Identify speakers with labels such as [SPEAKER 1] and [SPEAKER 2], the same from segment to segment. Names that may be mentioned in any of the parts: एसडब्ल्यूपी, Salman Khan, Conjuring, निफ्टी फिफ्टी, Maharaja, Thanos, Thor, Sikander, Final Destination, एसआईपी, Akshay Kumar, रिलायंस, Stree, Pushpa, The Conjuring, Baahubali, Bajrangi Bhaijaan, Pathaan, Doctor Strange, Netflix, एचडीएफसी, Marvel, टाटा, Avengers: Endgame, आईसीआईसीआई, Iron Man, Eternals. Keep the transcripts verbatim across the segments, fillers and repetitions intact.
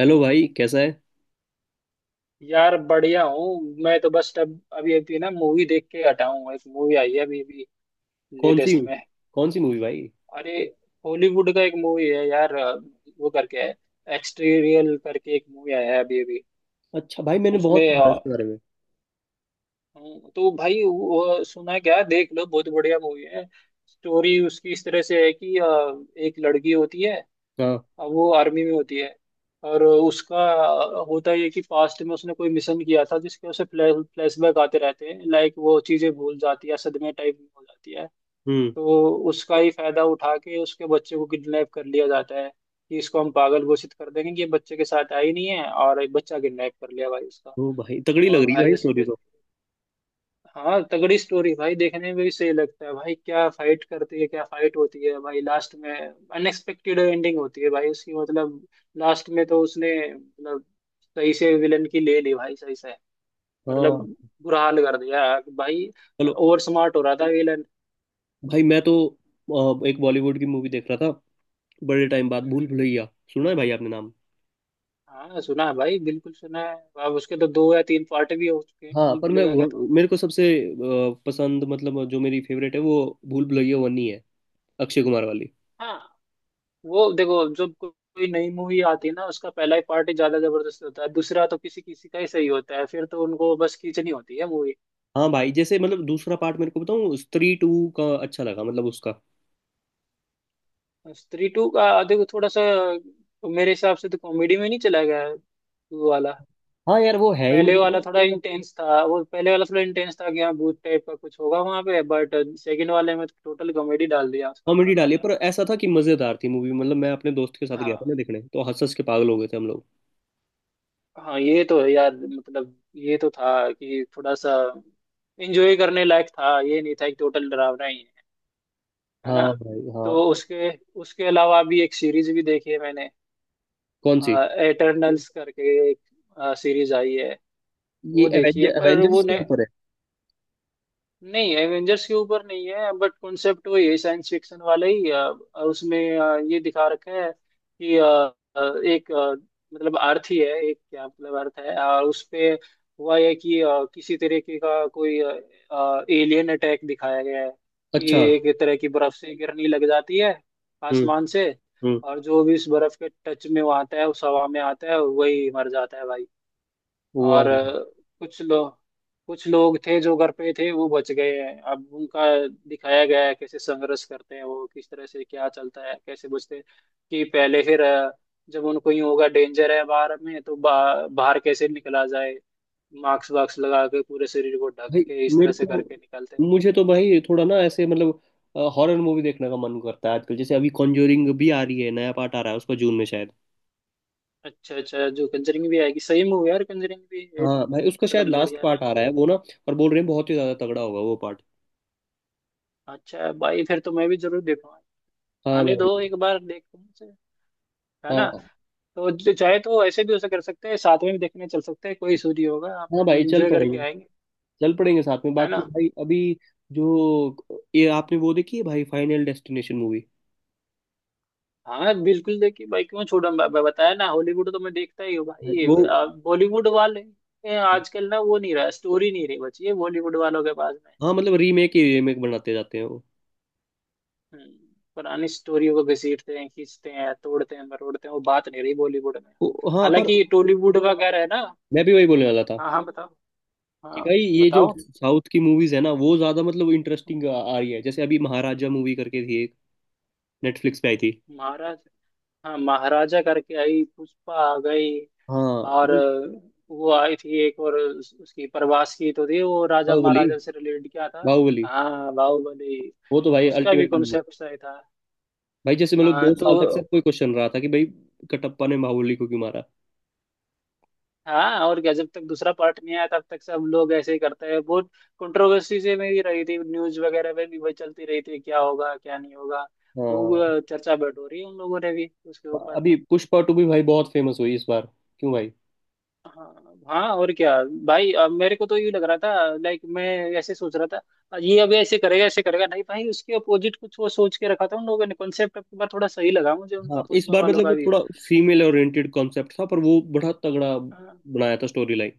[SPEAKER 1] Hello भाई, कैसा है।
[SPEAKER 2] यार बढ़िया हूँ। मैं तो बस अब अभी अभी ना मूवी देख के हटा हूँ। एक मूवी आई है अभी अभी
[SPEAKER 1] कौन सी?
[SPEAKER 2] लेटेस्ट में।
[SPEAKER 1] कौन सी मूवी भाई?
[SPEAKER 2] अरे हॉलीवुड का एक मूवी है यार अ, वो करके है। एक्सटीरियल करके एक मूवी आया है अभी अभी।
[SPEAKER 1] अच्छा भाई, मैंने बहुत
[SPEAKER 2] उसमें
[SPEAKER 1] सुना
[SPEAKER 2] अ,
[SPEAKER 1] है इसके बारे में।
[SPEAKER 2] हम्म, तो भाई वो सुना क्या देख लो बहुत बढ़िया मूवी है। स्टोरी उसकी इस तरह से है कि अ, एक लड़की होती है।
[SPEAKER 1] हाँ।
[SPEAKER 2] वो आर्मी में होती है। और उसका होता ये है कि पास्ट में उसने कोई मिशन किया था जिसके उसे फ्लैश फ्लैशबैक आते रहते हैं। लाइक वो चीजें भूल जाती है सदमे टाइप में हो जाती है।
[SPEAKER 1] हम्म।
[SPEAKER 2] तो उसका ही फायदा उठा के उसके बच्चे को किडनैप कर लिया जाता है। कि इसको हम पागल घोषित कर देंगे कि ये बच्चे के साथ आई नहीं है और एक बच्चा किडनैप कर लिया भाई उसका।
[SPEAKER 1] तो भाई तगड़ी लग
[SPEAKER 2] और
[SPEAKER 1] रही है
[SPEAKER 2] भाई
[SPEAKER 1] भाई
[SPEAKER 2] उस
[SPEAKER 1] स्टोरी तो।
[SPEAKER 2] हाँ तगड़ी स्टोरी भाई देखने में भी सही लगता है। भाई क्या फाइट करती है क्या फाइट होती है भाई लास्ट में अनएक्सपेक्टेड एंडिंग होती है भाई उसकी। मतलब लास्ट में तो उसने मतलब सही से विलन की ले ली भाई सही से। मतलब
[SPEAKER 1] हाँ।
[SPEAKER 2] बुरा हाल कर दिया भाई।
[SPEAKER 1] चलो।
[SPEAKER 2] ओवर स्मार्ट हो रहा था विलन।
[SPEAKER 1] भाई मैं तो अ, एक बॉलीवुड की मूवी देख रहा था। बड़े टाइम बाद भूल भुलैया। सुना है भाई आपने नाम?
[SPEAKER 2] हाँ सुना है भाई बिल्कुल सुना है। अब उसके तो दो या तीन पार्ट भी हो चुके हैं
[SPEAKER 1] हाँ,
[SPEAKER 2] भूल
[SPEAKER 1] पर मैं
[SPEAKER 2] भुलैया के तो।
[SPEAKER 1] वो- मेरे को सबसे अ, पसंद मतलब जो मेरी फेवरेट है वो भूल भुलैया वन ही है। अक्षय कुमार वाली।
[SPEAKER 2] हाँ वो देखो जब को- कोई नई मूवी आती है ना उसका पहला ही पार्ट ही ज्यादा जबरदस्त होता है। दूसरा तो किसी किसी का ही सही होता है। फिर तो उनको बस खींचनी होती है मूवी।
[SPEAKER 1] हाँ भाई, जैसे मतलब दूसरा पार्ट मेरे को बताऊँ स्त्री टू का अच्छा लगा, मतलब उसका।
[SPEAKER 2] स्त्री टू का देखो थोड़ा सा। मेरे हिसाब से तो कॉमेडी में नहीं चला गया है वो वाला।
[SPEAKER 1] हाँ यार वो है ही
[SPEAKER 2] पहले
[SPEAKER 1] मतलब।
[SPEAKER 2] वाला थोड़ा इंटेंस था। वो पहले वाला थोड़ा इंटेंस था कि हाँ भूत टाइप का कुछ होगा वहां पे, बट सेकंड वाले में टोटल कॉमेडी डाल दिया उसका थोड़ा
[SPEAKER 1] कॉमेडी
[SPEAKER 2] सा।
[SPEAKER 1] डाली है, पर ऐसा था कि मजेदार थी मूवी, मतलब मैं अपने दोस्त के साथ गया
[SPEAKER 2] हाँ
[SPEAKER 1] था ना देखने, तो हंस हंस के पागल हो गए थे हम लोग।
[SPEAKER 2] हाँ ये तो है यार। मतलब ये तो था कि थोड़ा सा एंजॉय करने लायक था। ये नहीं था कि टोटल डरावना ही है है
[SPEAKER 1] हाँ
[SPEAKER 2] ना।
[SPEAKER 1] भाई, हाँ।
[SPEAKER 2] तो उसके उसके अलावा भी एक सीरीज भी देखी है मैंने।
[SPEAKER 1] कौन सी?
[SPEAKER 2] एटर्नल्स करके एक सीरीज आई है।
[SPEAKER 1] ये
[SPEAKER 2] वो देखी है
[SPEAKER 1] एवेंजर
[SPEAKER 2] पर वो
[SPEAKER 1] एवेंजर्स
[SPEAKER 2] ने,
[SPEAKER 1] के ऊपर है?
[SPEAKER 2] नहीं एवेंजर्स के ऊपर नहीं है। बट कॉन्सेप्ट वही है साइंस फिक्शन वाला ही। अ, उसमें अ, ये दिखा रखा है कि अ, अ, एक अ, मतलब अर्थ ही है एक। क्या मतलब अर्थ है और उस पे हुआ है कि अ, किसी तरीके का कोई एलियन अटैक दिखाया गया है। कि
[SPEAKER 1] अच्छा।
[SPEAKER 2] एक तरह की बर्फ से गिरनी लग जाती है
[SPEAKER 1] हम्म।
[SPEAKER 2] आसमान से। और
[SPEAKER 1] हम्म।
[SPEAKER 2] जो भी इस बर्फ के टच में वो आता है उस हवा में आता है वही मर जाता है भाई। और
[SPEAKER 1] वाह।
[SPEAKER 2] अ, कुछ लोग कुछ लोग थे जो घर पे थे वो बच गए हैं। अब उनका दिखाया गया है कैसे संघर्ष करते हैं वो किस तरह से क्या चलता है कैसे बचते हैं। कि पहले फिर अ, जब उनको यूं होगा डेंजर है बाहर में तो बा, बाहर कैसे निकला जाए। मास्क वास्क लगा के पूरे शरीर को ढक
[SPEAKER 1] भाई
[SPEAKER 2] के इस
[SPEAKER 1] मेरे
[SPEAKER 2] तरह से
[SPEAKER 1] को
[SPEAKER 2] करके निकलते हैं।
[SPEAKER 1] मुझे तो भाई थोड़ा ना ऐसे मतलब हॉरर मूवी देखने का मन करता है आजकल, जैसे अभी कॉन्जरिंग भी आ रही है, नया पार्ट आ रहा है उसका, जून में शायद।
[SPEAKER 2] अच्छा अच्छा जो कंजरिंग भी आएगी सही मूवी यार। कंजरिंग भी ए,
[SPEAKER 1] हाँ भाई, उसका शायद
[SPEAKER 2] मतलब
[SPEAKER 1] लास्ट
[SPEAKER 2] बढ़िया
[SPEAKER 1] पार्ट आ
[SPEAKER 2] रहता है।
[SPEAKER 1] रहा है वो ना। और बोल रहे हैं बहुत ही ज्यादा तगड़ा होगा वो पार्ट।
[SPEAKER 2] अच्छा भाई फिर तो मैं भी जरूर देखूंगा।
[SPEAKER 1] हाँ
[SPEAKER 2] आने दो
[SPEAKER 1] भाई,
[SPEAKER 2] एक बार देखूं से, है ना।
[SPEAKER 1] हाँ।
[SPEAKER 2] तो जो चाहे तो ऐसे भी उसे कर सकते हैं साथ में भी देखने चल सकते हैं कोई इशू नहीं होगा आपने
[SPEAKER 1] हाँ भाई, चल
[SPEAKER 2] एंजॉय
[SPEAKER 1] पड़ेगी।
[SPEAKER 2] करके आएंगे,
[SPEAKER 1] चल पड़ेंगे साथ में,
[SPEAKER 2] है
[SPEAKER 1] बाकी
[SPEAKER 2] ना।
[SPEAKER 1] भाई अभी जो ये आपने वो देखी है भाई फाइनल डेस्टिनेशन मूवी?
[SPEAKER 2] हाँ बिल्कुल देखिए भाई। क्यों छोड़ा। मैं मैं बताया ना हॉलीवुड तो मैं देखता ही हूँ भाई।
[SPEAKER 1] वो
[SPEAKER 2] बॉलीवुड वाले ये आजकल ना वो नहीं रहा। स्टोरी नहीं रही बची है बॉलीवुड वालों के पास में।
[SPEAKER 1] हाँ मतलब रीमेक ही रीमेक बनाते जाते हैं वो।
[SPEAKER 2] हम्म, पुरानी स्टोरियों को घसीटते हैं खींचते हैं तोड़ते हैं मरोड़ते हैं। वो बात नहीं रही बॉलीवुड में।
[SPEAKER 1] वो- हाँ, पर
[SPEAKER 2] हालांकि टॉलीवुड वगैरह है ना।
[SPEAKER 1] मैं भी वही बोलने वाला था
[SPEAKER 2] हाँ हाँ बताओ।
[SPEAKER 1] कि
[SPEAKER 2] हाँ
[SPEAKER 1] भाई ये जो
[SPEAKER 2] बताओ।
[SPEAKER 1] साउथ की मूवीज है ना वो ज्यादा मतलब इंटरेस्टिंग आ, आ रही है, जैसे अभी महाराजा मूवी करके थी एक नेटफ्लिक्स पे आई थी।
[SPEAKER 2] महाराज। हाँ महाराजा करके आई पुष्पा आ गई।
[SPEAKER 1] हाँ
[SPEAKER 2] और
[SPEAKER 1] मतलब
[SPEAKER 2] अ, वो आई थी एक और उस- उसकी प्रवास की तो थी वो राजा
[SPEAKER 1] बाहुबली।
[SPEAKER 2] महाराजा से रिलेटेड क्या था।
[SPEAKER 1] बाहुबली।
[SPEAKER 2] हाँ बाहुबली।
[SPEAKER 1] वो तो भाई
[SPEAKER 2] उसका भी
[SPEAKER 1] अल्टीमेट।
[SPEAKER 2] कॉन्सेप्ट सही था।
[SPEAKER 1] भाई जैसे मतलब
[SPEAKER 2] हाँ
[SPEAKER 1] दो
[SPEAKER 2] तो।
[SPEAKER 1] साल तक सब कोई क्वेश्चन रहा था कि भाई कटप्पा ने बाहुबली को क्यों मारा।
[SPEAKER 2] हाँ और क्या। जब तक दूसरा पार्ट नहीं आया तब तक सब लोग ऐसे ही करते हैं बहुत। कंट्रोवर्सी से मेरी रही थी न्यूज वगैरह में भी वही चलती रही थी क्या होगा क्या नहीं होगा। खूब
[SPEAKER 1] हाँ।
[SPEAKER 2] अ, चर्चा बैठ हो रही है उन लोगों ने भी उसके ऊपर।
[SPEAKER 1] अभी पुष्पा टू भी भाई बहुत फेमस हुई इस बार। क्यों भाई?
[SPEAKER 2] हाँ हाँ और क्या। भाई अब मेरे को तो ये लग रहा था लाइक मैं ऐसे सोच रहा था ये अभी ऐसे करेगा ऐसे करेगा। नहीं भाई उसके अपोजिट कुछ वो सोच के रखा था उन लोगों ने कॉन्सेप्ट। अब की बार थोड़ा सही लगा मुझे
[SPEAKER 1] हाँ,
[SPEAKER 2] उनका
[SPEAKER 1] इस
[SPEAKER 2] पुष्पा
[SPEAKER 1] बार
[SPEAKER 2] वालों
[SPEAKER 1] मतलब
[SPEAKER 2] का भी।
[SPEAKER 1] थोड़ा फीमेल ओरिएंटेड कॉन्सेप्ट था, पर वो बड़ा तगड़ा
[SPEAKER 2] हाँ,
[SPEAKER 1] बनाया था स्टोरी लाइन।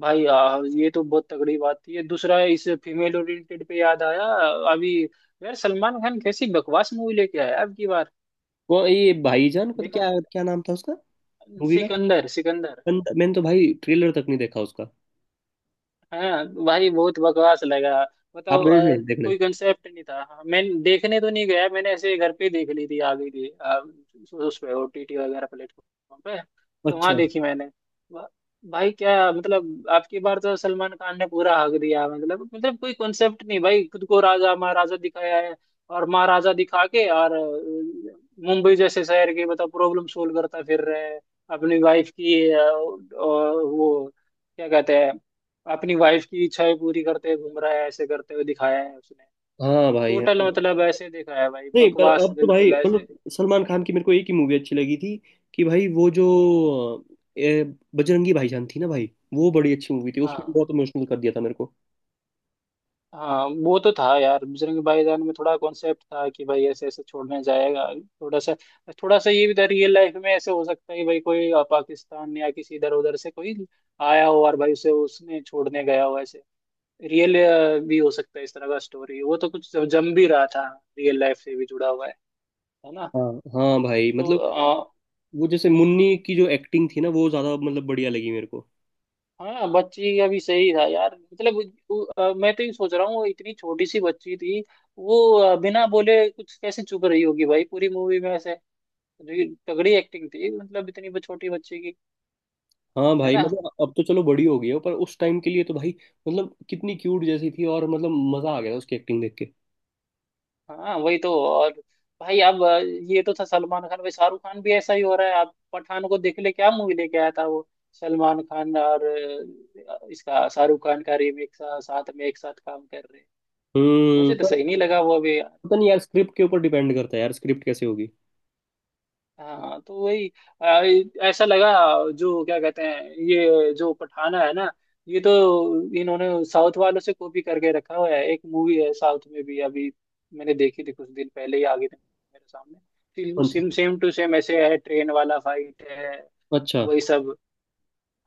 [SPEAKER 2] भाई आ, ये तो बहुत तगड़ी बात थी। ये दूसरा इस फीमेल ओरिएंटेड पे याद आया। अभी यार सलमान खान कैसी बकवास मूवी लेके आया अब की बार।
[SPEAKER 1] कौन, ये भाईजान? पता
[SPEAKER 2] देखा
[SPEAKER 1] क्या
[SPEAKER 2] है?
[SPEAKER 1] क्या नाम था उसका मूवी का?
[SPEAKER 2] सिकंदर सिकंदर।
[SPEAKER 1] बंद- मैंने तो भाई ट्रेलर तक नहीं देखा उसका।
[SPEAKER 2] हाँ भाई बहुत बकवास लगा।
[SPEAKER 1] आप
[SPEAKER 2] बताओ
[SPEAKER 1] गए
[SPEAKER 2] अ,
[SPEAKER 1] थे देखने?
[SPEAKER 2] कोई कंसेप्ट नहीं था। हाँ, मैं देखने तो नहीं गया। मैंने ऐसे घर पे ही देख ली थी। आ गई थी अ, उस पे ओटीटी वगैरह प्लेटफॉर्म पे। तो वहां
[SPEAKER 1] अच्छा।
[SPEAKER 2] देखी मैंने। वा- भाई क्या मतलब आपकी बार तो सलमान खान ने पूरा हक दिया। मतलब मतलब कोई कॉन्सेप्ट नहीं भाई। खुद को राजा महाराजा दिखाया है। और महाराजा दिखा के और अ, मुंबई जैसे शहर के मतलब प्रॉब्लम सोल्व करता फिर रहे हैं। अपनी वाइफ की अ, अ, वो क्या कहते हैं। अपनी वाइफ की इच्छाएं पूरी करते हुए घूम रहा है ऐसे करते हुए दिखाया है उसने।
[SPEAKER 1] हाँ भाई,
[SPEAKER 2] टोटल
[SPEAKER 1] हाँ।
[SPEAKER 2] मतलब ऐसे दिखाया है भाई
[SPEAKER 1] नहीं, पर
[SPEAKER 2] बकवास
[SPEAKER 1] अब तो भाई
[SPEAKER 2] बिल्कुल ऐसे।
[SPEAKER 1] मतलब सलमान खान की मेरे को एक ही मूवी अच्छी लगी थी कि भाई वो जो
[SPEAKER 2] हाँ
[SPEAKER 1] अ, ए, बजरंगी भाईजान थी ना भाई, वो बड़ी अच्छी मूवी थी, उसने
[SPEAKER 2] हाँ।
[SPEAKER 1] बहुत इमोशनल कर दिया था मेरे को।
[SPEAKER 2] हाँ, वो तो था यार बजरंग भाईजान में थोड़ा कॉन्सेप्ट था कि भाई ऐसे ऐसे छोड़ने जाएगा। थोड़ा सा थोड़ा सा ये भी था रियल लाइफ में ऐसे हो सकता है कि भाई कोई अ, पाकिस्तान या किसी इधर उधर से कोई आया हो और भाई उसे उसने छोड़ने गया हो ऐसे। रियल भी हो सकता है इस तरह का स्टोरी। वो तो कुछ जम भी रहा था। रियल लाइफ से भी जुड़ा हुआ है है ना।
[SPEAKER 1] हाँ। हाँ भाई मतलब
[SPEAKER 2] तो
[SPEAKER 1] वो जैसे मुन्नी की जो एक्टिंग थी ना, वो ज्यादा मतलब बढ़िया लगी मेरे को।
[SPEAKER 2] हाँ बच्ची अभी सही था यार मतलब। वो- अ, मैं तो ये सोच रहा हूँ वो इतनी छोटी सी बच्ची थी। वो अ, बिना बोले कुछ कैसे चुप रही होगी भाई पूरी मूवी में ऐसे। जो तगड़ी एक्टिंग थी मतलब इतनी ब- छोटी बच्ची की।
[SPEAKER 1] हाँ
[SPEAKER 2] है
[SPEAKER 1] भाई
[SPEAKER 2] ना।
[SPEAKER 1] मतलब, अब तो चलो बड़ी हो गई है, पर उस टाइम के लिए तो भाई मतलब कितनी क्यूट जैसी थी, और मतलब मजा आ गया था उसकी एक्टिंग देख के।
[SPEAKER 2] हाँ वही तो। और भाई अब अ, ये तो था सलमान खान। भाई शाहरुख खान भी ऐसा ही हो रहा है। आप पठान को देख ले क्या मूवी लेके आया था वो सलमान खान और अ, इसका शाहरुख खान का रीमेक साथ में एक साथ काम कर रहे हैं।
[SPEAKER 1] हम्म
[SPEAKER 2] मुझे तो सही
[SPEAKER 1] पर
[SPEAKER 2] नहीं लगा वो अभी।
[SPEAKER 1] पता नहीं यार, स्क्रिप्ट के ऊपर डिपेंड करता है यार, स्क्रिप्ट कैसे होगी।
[SPEAKER 2] हाँ तो वही आ, ऐसा लगा जो क्या कहते हैं ये जो पठाना है ना ये तो इन्होंने साउथ वालों से कॉपी करके रखा हुआ है। एक मूवी है साउथ में भी अभी। मैंने देखी थी कुछ दिन पहले ही आ गई थी मेरे सामने
[SPEAKER 1] कौन सी?
[SPEAKER 2] सेम सेम टू सेम ऐसे है ट्रेन वाला फाइट है।
[SPEAKER 1] अच्छा।
[SPEAKER 2] वही सब।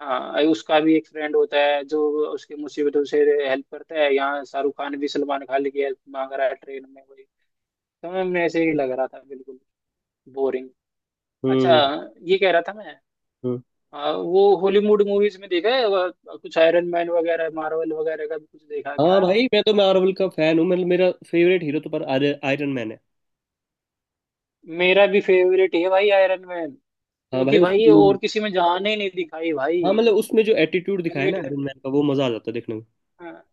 [SPEAKER 2] हाँ उसका भी एक फ्रेंड होता है जो उसकी मुसीबतों से हेल्प करता है। यहाँ शाहरुख खान भी सलमान खान की हेल्प मांग रहा है ट्रेन में वही। तो मैं ऐसे ही लग रहा था बिल्कुल बोरिंग। अच्छा
[SPEAKER 1] हम्म।
[SPEAKER 2] ये कह रहा था मैं।
[SPEAKER 1] हम्म।
[SPEAKER 2] आ, वो हॉलीवुड मूवीज में देखा है वह- कुछ आयरन मैन वगैरह मार्वल वगैरह का भी कुछ देखा
[SPEAKER 1] हाँ
[SPEAKER 2] क्या।
[SPEAKER 1] भाई, मैं तो मार्वल का फैन हूँ, मतलब मेरा फेवरेट हीरो तो पर आयरन मैन है।
[SPEAKER 2] मेरा भी फेवरेट है भाई आयरन मैन।
[SPEAKER 1] हाँ भाई
[SPEAKER 2] क्योंकि भाई ये
[SPEAKER 1] उसकी मूवी।
[SPEAKER 2] और किसी में जान ही नहीं दिखाई भाई।
[SPEAKER 1] हाँ मतलब उसमें जो एटीट्यूड दिखाया है ना
[SPEAKER 2] रिलेट।
[SPEAKER 1] आयरन मैन का, वो मजा आ जाता है देखने में।
[SPEAKER 2] हाँ,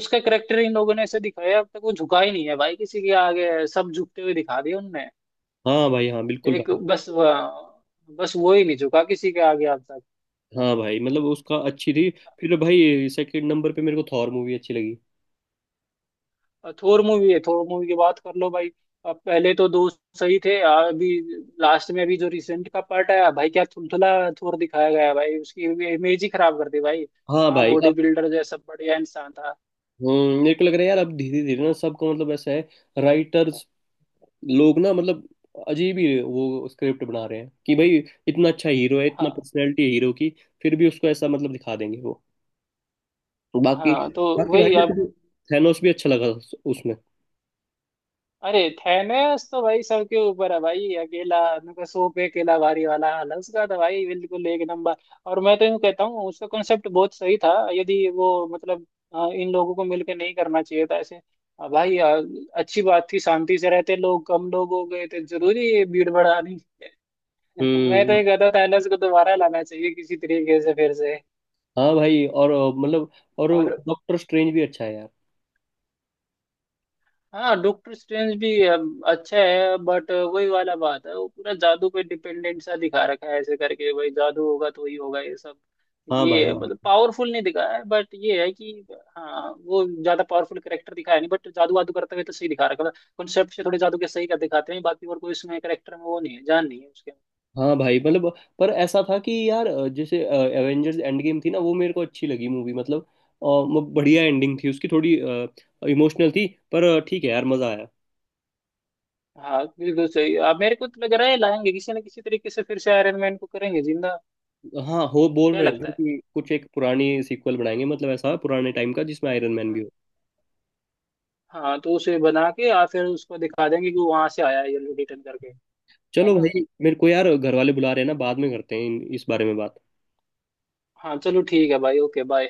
[SPEAKER 2] उसका करेक्टर इन लोगों ने ऐसे दिखाया अब तक वो झुका ही नहीं है भाई किसी के आगे। सब झुकते हुए दिखा दिया उनने।
[SPEAKER 1] हाँ भाई, हाँ बिल्कुल
[SPEAKER 2] एक
[SPEAKER 1] भाई।
[SPEAKER 2] बस वह- बस वो ही नहीं झुका किसी के आगे अब तक।
[SPEAKER 1] हाँ भाई मतलब उसका अच्छी थी। फिर भाई सेकंड नंबर पे मेरे को थॉर मूवी अच्छी लगी।
[SPEAKER 2] थोर मूवी है। थोर मूवी की बात कर लो भाई। अब पहले तो दो सही थे। अभी लास्ट में अभी जो रिसेंट का पार्ट आया भाई क्या थुलथुला थोर दिखाया गया है भाई। उसकी इमेज ही खराब कर दी भाई।
[SPEAKER 1] हाँ
[SPEAKER 2] कहाँ
[SPEAKER 1] भाई अब,
[SPEAKER 2] बॉडी बिल्डर जैसा बढ़िया इंसान था।
[SPEAKER 1] हम्म, मेरे को लग रहा है यार अब धीरे धीरे ना सबको मतलब ऐसा है, राइटर्स लोग ना मतलब अजीब ही वो स्क्रिप्ट बना रहे हैं कि भाई इतना अच्छा हीरो है, इतना
[SPEAKER 2] हाँ
[SPEAKER 1] पर्सनैलिटी है हीरो की, फिर भी उसको ऐसा मतलब दिखा देंगे वो। बाकी,
[SPEAKER 2] हाँ तो
[SPEAKER 1] बाकी भाई
[SPEAKER 2] वही
[SPEAKER 1] मेरे
[SPEAKER 2] अब।
[SPEAKER 1] को थैनोस भी अच्छा लगा उस- उसमें।
[SPEAKER 2] अरे थैनेस तो भाई सबके ऊपर है भाई। अकेला उनका सौ पे अकेला भारी वाला हाल है उसका तो भाई बिल्कुल एक नंबर। और मैं तो यूं कहता हूँ उसका कॉन्सेप्ट बहुत सही था। यदि वो मतलब अ, इन लोगों को मिलकर नहीं करना चाहिए था ऐसे। अ, भाई अ, अच्छी बात थी शांति से रहते। लोग कम लोग हो गए थे। जरूरी है ये भीड़ बढ़ानी। मैं तो
[SPEAKER 1] हम्म।
[SPEAKER 2] ये कहता हूँ थैलेस को दोबारा लाना चाहिए किसी तरीके से फिर से।
[SPEAKER 1] हाँ भाई और अ, मतलब और
[SPEAKER 2] और।
[SPEAKER 1] डॉक्टर स्ट्रेंज भी अच्छा है यार।
[SPEAKER 2] हाँ डॉक्टर स्ट्रेंज भी अब अच्छा है बट वही वाला बात है वो पूरा जादू पे डिपेंडेंट सा दिखा रखा है ऐसे करके भाई जादू होगा तो ही होगा ये सब।
[SPEAKER 1] हाँ भाई।
[SPEAKER 2] ये है मतलब पावरफुल नहीं दिखाया है बट ये है कि। हाँ वो ज्यादा पावरफुल करेक्टर दिखाया नहीं बट जादू वादू करते हुए तो सही दिखा रखा है। कॉन्सेप्ट से थोड़े जादू के सही कर दिखाते हैं बाकी और कोई उसमें करेक्टर में वो नहीं है जान नहीं है उसके।
[SPEAKER 1] हाँ भाई मतलब, पर ऐसा था कि यार अ, जैसे एवेंजर्स एंड गेम थी ना, वो मेरे को अच्छी लगी मूवी, मतलब अ, म- बढ़िया एंडिंग थी उसकी, थोड़ी इमोशनल थी, पर अ, ठीक है यार मजा आया।
[SPEAKER 2] हाँ बिल्कुल सही। अब मेरे को तो लग रहा है लाएंगे किसी न किसी तरीके से फिर से आयरन मैन को करेंगे जिंदा।
[SPEAKER 1] हाँ, हो बोल
[SPEAKER 2] क्या
[SPEAKER 1] रहे
[SPEAKER 2] लगता
[SPEAKER 1] थे
[SPEAKER 2] है।
[SPEAKER 1] कि कुछ एक पुरानी सीक्वल बनाएंगे, मतलब ऐसा पुराने टाइम का जिसमें आयरन मैन भी
[SPEAKER 2] हाँ।
[SPEAKER 1] हो।
[SPEAKER 2] हाँ तो उसे बना के या फिर उसको दिखा देंगे कि वहां से आया है ये रिटर्न करके। है
[SPEAKER 1] चलो
[SPEAKER 2] ना।
[SPEAKER 1] भाई मेरे को यार घर वाले बुला रहे हैं ना, बाद में करते हैं इन- इस बारे में बात।
[SPEAKER 2] हाँ चलो ठीक है भाई ओके बाय।